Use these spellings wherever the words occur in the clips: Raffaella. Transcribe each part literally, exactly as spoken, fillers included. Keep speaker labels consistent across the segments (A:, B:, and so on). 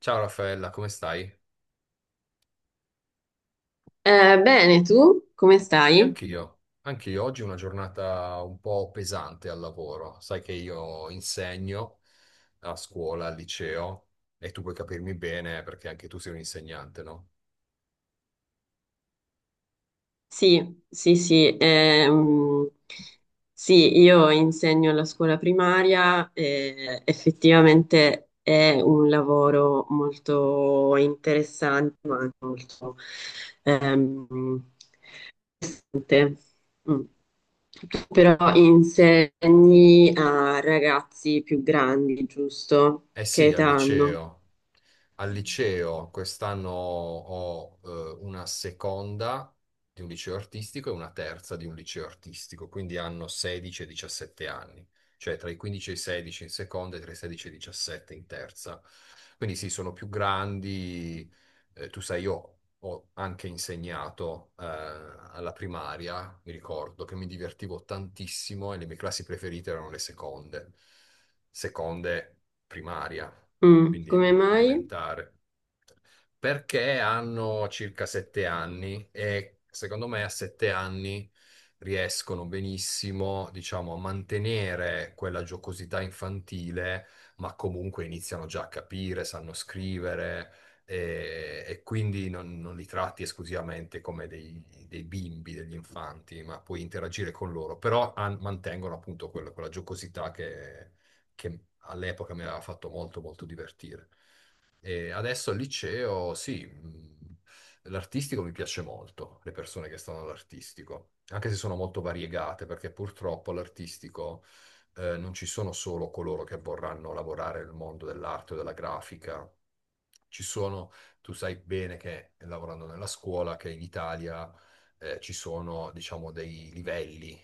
A: Ciao Raffaella, come stai?
B: Eh, bene, tu come
A: Sì,
B: stai?
A: anch'io. Anch'io oggi è una giornata un po' pesante al lavoro. Sai che io insegno a scuola, al liceo, e tu puoi capirmi bene perché anche tu sei un insegnante, no?
B: Sì, sì, sì, ehm, sì, io insegno alla scuola primaria e effettivamente è un lavoro molto interessante, ma anche molto ehm, pesante. Mm. Tu Però insegni a ragazzi più grandi, giusto?
A: Eh
B: Che
A: sì, al
B: età hanno?
A: liceo. Al liceo quest'anno ho eh, una seconda di un liceo artistico e una terza di un liceo artistico, quindi hanno sedici e diciassette anni, cioè tra i quindici e i sedici in seconda e tra i sedici e i diciassette in terza. Quindi sì, sono più grandi. Eh, tu sai, io ho anche insegnato eh, alla primaria, mi ricordo che mi divertivo tantissimo e le mie classi preferite erano le seconde, seconde primaria.
B: Mm,
A: Quindi
B: Come mai?
A: elementare, perché hanno circa sette anni e secondo me a sette anni riescono benissimo, diciamo, a mantenere quella giocosità infantile, ma comunque iniziano già a capire, sanno scrivere. E, e quindi non, non li tratti esclusivamente come dei, dei bimbi, degli infanti, ma puoi interagire con loro, però han- mantengono appunto quella, quella giocosità che, che all'epoca mi aveva fatto molto, molto divertire. E adesso al liceo, sì, mh, l'artistico mi piace molto, le persone che stanno all'artistico, anche se sono molto variegate, perché purtroppo all'artistico eh, non ci sono solo coloro che vorranno lavorare nel mondo dell'arte o della grafica. Ci sono, tu sai bene che lavorando nella scuola, che in Italia eh, ci sono, diciamo, dei livelli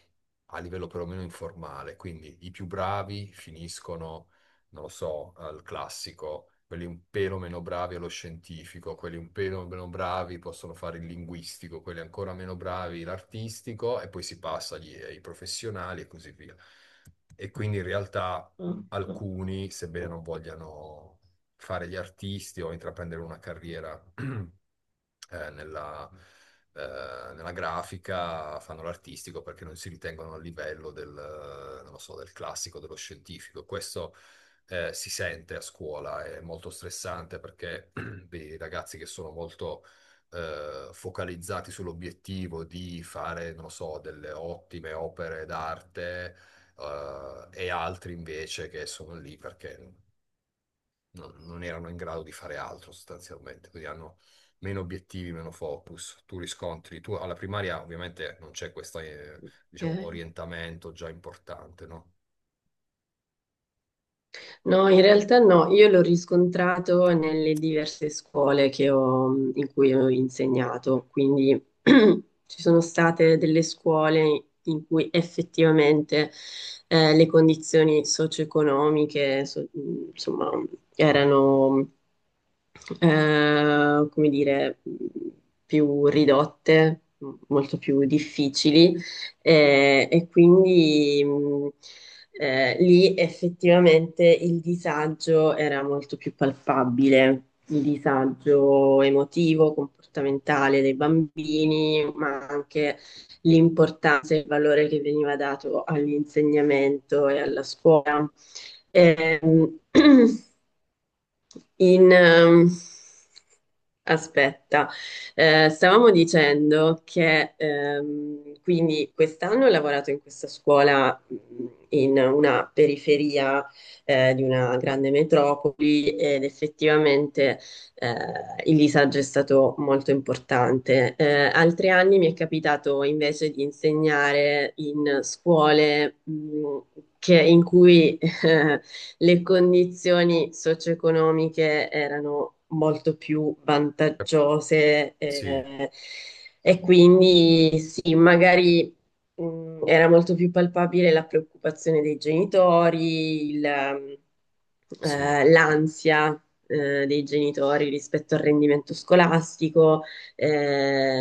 A: a livello perlomeno informale. Quindi i più bravi finiscono, non lo so, al classico, quelli un pelo meno bravi allo scientifico, quelli un pelo meno bravi possono fare il linguistico, quelli ancora meno bravi l'artistico e poi si passa agli- ai professionali e così via. E quindi in realtà
B: Ok.
A: alcuni, sebbene non vogliano fare gli artisti o intraprendere una carriera eh, nella, eh, nella grafica fanno l'artistico perché non si ritengono a livello del, eh, non lo so, del classico, dello scientifico. Questo eh, si sente a scuola, è molto stressante perché dei ragazzi che sono molto eh, focalizzati sull'obiettivo di fare, non lo so, delle ottime opere d'arte eh, e altri invece che sono lì perché non, non erano in grado di fare altro sostanzialmente, quindi hanno meno obiettivi, meno focus, tu riscontri, tu alla primaria ovviamente non c'è questo, eh, diciamo, orientamento già importante, no?
B: No, in realtà no, io l'ho riscontrato nelle diverse scuole che ho- in cui ho insegnato, quindi ci sono state delle scuole in cui effettivamente eh, le condizioni socio-economiche, so- insomma, erano, eh, come dire, più ridotte, molto più difficili eh, e quindi mh, eh, lì effettivamente il disagio era molto più palpabile, il disagio emotivo, comportamentale dei bambini, ma anche l'importanza e il valore che veniva dato all'insegnamento e alla scuola. Ehm, in, ehm, aspetta, eh, stavamo dicendo che ehm, quindi quest'anno ho lavorato in questa scuola mh, in una periferia eh, di una grande metropoli ed effettivamente eh, il disagio è stato molto importante. Eh, altri anni mi è capitato invece di insegnare in scuole mh, che- in cui eh, le condizioni socio-economiche erano molto più vantaggiose
A: Sì,
B: eh, e quindi sì, magari mh, era molto più palpabile la preoccupazione dei genitori, il,
A: sì.
B: eh, l'ansia eh, dei genitori rispetto al rendimento scolastico.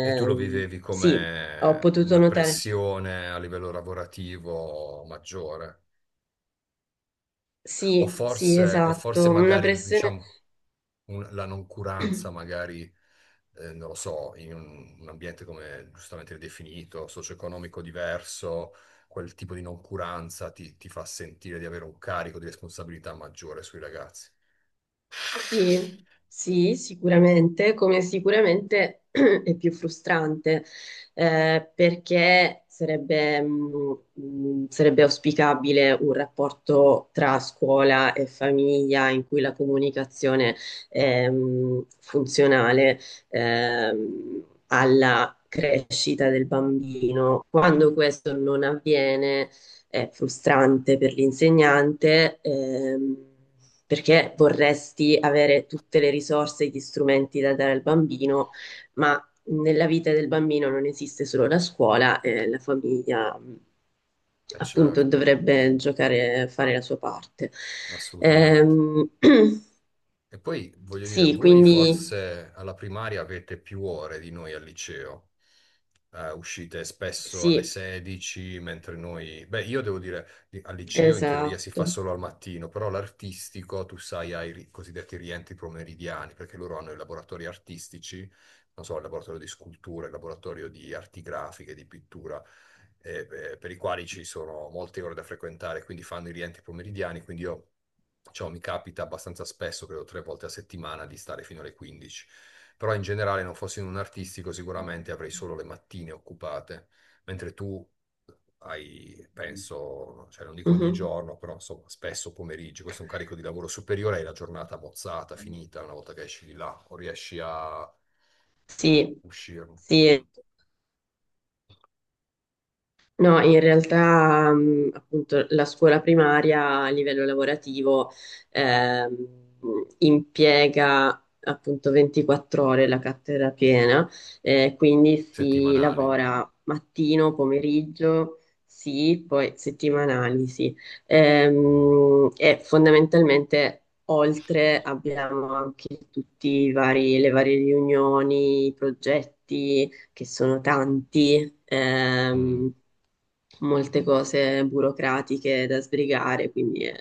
A: E tu lo vivevi
B: sì, ho
A: come
B: potuto
A: una
B: notare.
A: pressione a livello lavorativo maggiore, o
B: Sì, sì,
A: forse, o forse
B: esatto, una
A: magari,
B: pressione.
A: diciamo, un- la noncuranza magari eh, non lo so, in un, un ambiente come giustamente definito, socio-economico diverso, quel tipo di noncuranza ti, ti fa sentire di avere un carico di responsabilità maggiore sui ragazzi.
B: Sì, sì, sicuramente, come sicuramente è più frustrante, eh, perché sarebbe, mh, mh, sarebbe auspicabile un rapporto tra scuola e famiglia in cui la comunicazione è, mh, funzionale, ehm, alla crescita del bambino. Quando questo non avviene, è frustrante per l'insegnante, ehm, perché vorresti avere tutte le risorse e gli strumenti da dare al bambino, ma nella vita del bambino non esiste solo la scuola e la famiglia mh,
A: E
B: appunto
A: certo,
B: dovrebbe giocare, fare la sua parte.
A: assolutamente.
B: Ehm,
A: E poi voglio dire,
B: sì,
A: voi
B: quindi
A: forse alla primaria avete più ore di noi al liceo. Eh, uscite spesso alle
B: sì,
A: sedici, mentre noi, beh, io devo dire, li- al liceo in teoria si fa
B: esatto.
A: solo al mattino, però l'artistico, tu sai, ha i ri- cosiddetti rientri pomeridiani, perché loro hanno i laboratori artistici, non so, il laboratorio di scultura, il laboratorio di arti grafiche, di pittura, eh, eh, per i quali ci sono molte ore da frequentare, quindi fanno i rientri pomeridiani, quindi io... Ciò mi capita abbastanza spesso, credo tre volte a settimana, di stare fino alle quindici. Però in generale non fossi in un artistico sicuramente avrei solo le mattine occupate, mentre tu hai, penso, cioè non dico ogni
B: Mhm.
A: giorno, però insomma spesso pomeriggi, questo è un carico di lavoro superiore, hai la giornata mozzata, finita una volta che esci di là o riesci a
B: Sì,
A: uscirne.
B: sì.
A: Mm.
B: No, in realtà, mh, appunto, la scuola primaria a livello lavorativo ehm, impiega appunto ventiquattro ore la cattedra piena, eh, quindi si
A: Settimanali.
B: lavora mattino, pomeriggio, sì, poi settimanali, sì. Ehm, e fondamentalmente oltre abbiamo anche tutti i vari, le varie riunioni, i progetti che sono tanti,
A: Mm,
B: ehm, molte cose burocratiche da sbrigare, quindi è,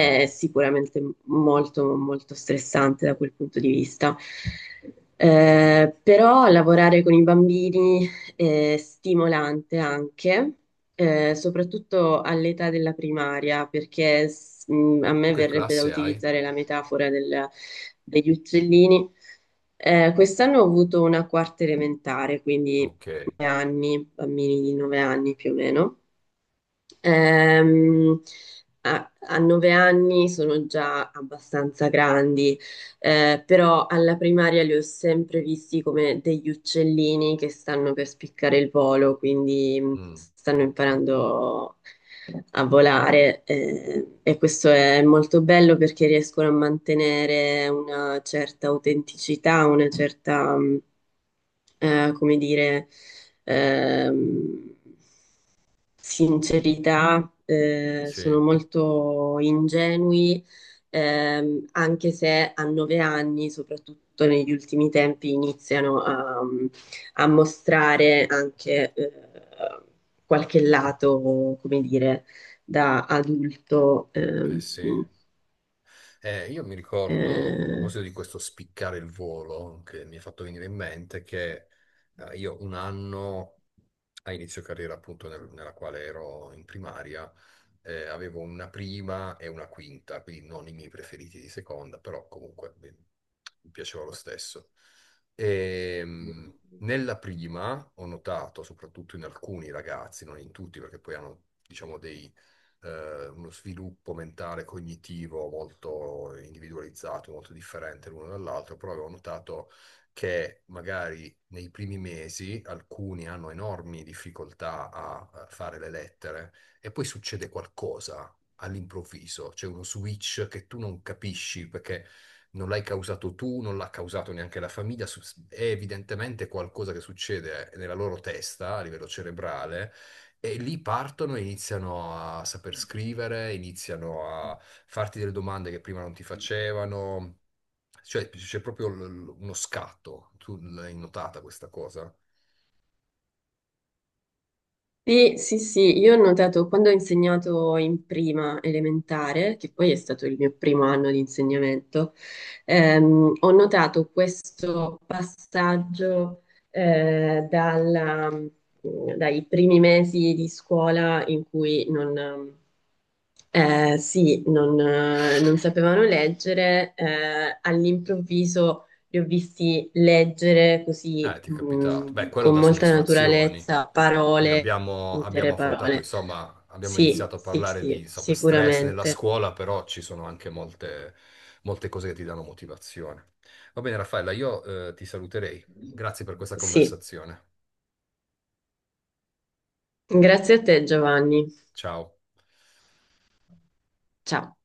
A: mm.
B: sicuramente molto, molto stressante da quel punto di vista. Eh, però lavorare con i bambini eh, stimolante anche, eh, soprattutto all'età della primaria, perché s- mh, a
A: Tu
B: me
A: che
B: verrebbe da
A: classe hai?
B: utilizzare la metafora del- degli uccellini. Eh, quest'anno ho avuto una quarta elementare, quindi
A: Ok.
B: nove anni, bambini di nove anni più o meno. Ehm, a, a nove anni sono già abbastanza grandi, eh, però alla primaria li ho sempre visti come degli uccellini che stanno per spiccare il volo, quindi mh,
A: Mm,
B: stanno imparando a volare, eh, e questo è molto bello perché riescono a mantenere una certa autenticità, una certa, mh, eh, come dire, ehm, sincerità, eh,
A: Sì,
B: sono molto ingenui, ehm, anche se a nove anni, soprattutto negli ultimi tempi, iniziano a, a mostrare anche eh, qualche lato, come dire, da adulto.
A: eh
B: ehm,
A: sì. Eh, io mi ricordo, a
B: eh,
A: proposito di questo spiccare il volo, che mi ha fatto venire in mente che eh, io un anno a inizio carriera, appunto, nel- nella quale ero in primaria, eh, avevo una prima e una quinta, quindi non i miei preferiti di seconda, però comunque beh, mi piaceva lo stesso. Ehm, nella prima ho notato, soprattutto in alcuni ragazzi, non in tutti, perché poi hanno, diciamo, dei, eh, uno sviluppo mentale, cognitivo molto individualizzato, molto differente l'uno dall'altro, però avevo notato che magari nei primi mesi alcuni hanno enormi difficoltà a eh, fare le lettere e poi succede qualcosa all'improvviso, c'è uno switch che tu non capisci perché non l'hai causato tu, non l'ha causato neanche la famiglia, su- è evidentemente qualcosa che succede nella loro testa a livello cerebrale. E lì partono e iniziano a saper scrivere, iniziano a farti delle domande che prima non ti facevano, cioè, c'è proprio l- l- uno scatto. Tu l'hai notata questa cosa?
B: Sì, sì, sì, io ho notato quando ho insegnato in prima elementare, che poi è stato il mio primo anno di insegnamento, ehm, ho notato questo passaggio eh, dalla- mm, dai primi mesi di scuola in cui non, eh, sì, non, eh, non sapevano leggere, eh, all'improvviso li ho visti leggere così,
A: Eh, ti è capitato. Beh,
B: mh,
A: quello
B: con
A: dà
B: molta
A: soddisfazioni.
B: naturalezza,
A: Quindi
B: parole,
A: abbiamo, abbiamo
B: intere
A: affrontato,
B: parole.
A: insomma, abbiamo
B: Sì,
A: iniziato a
B: sì,
A: parlare di,
B: sì,
A: insomma, stress nella
B: sicuramente.
A: scuola, però ci sono anche molte, molte cose che ti danno motivazione. Va bene, Raffaella, io, eh, ti saluterei. Grazie per questa
B: Sì.
A: conversazione.
B: Grazie a te, Giovanni.
A: Ciao.
B: Ciao.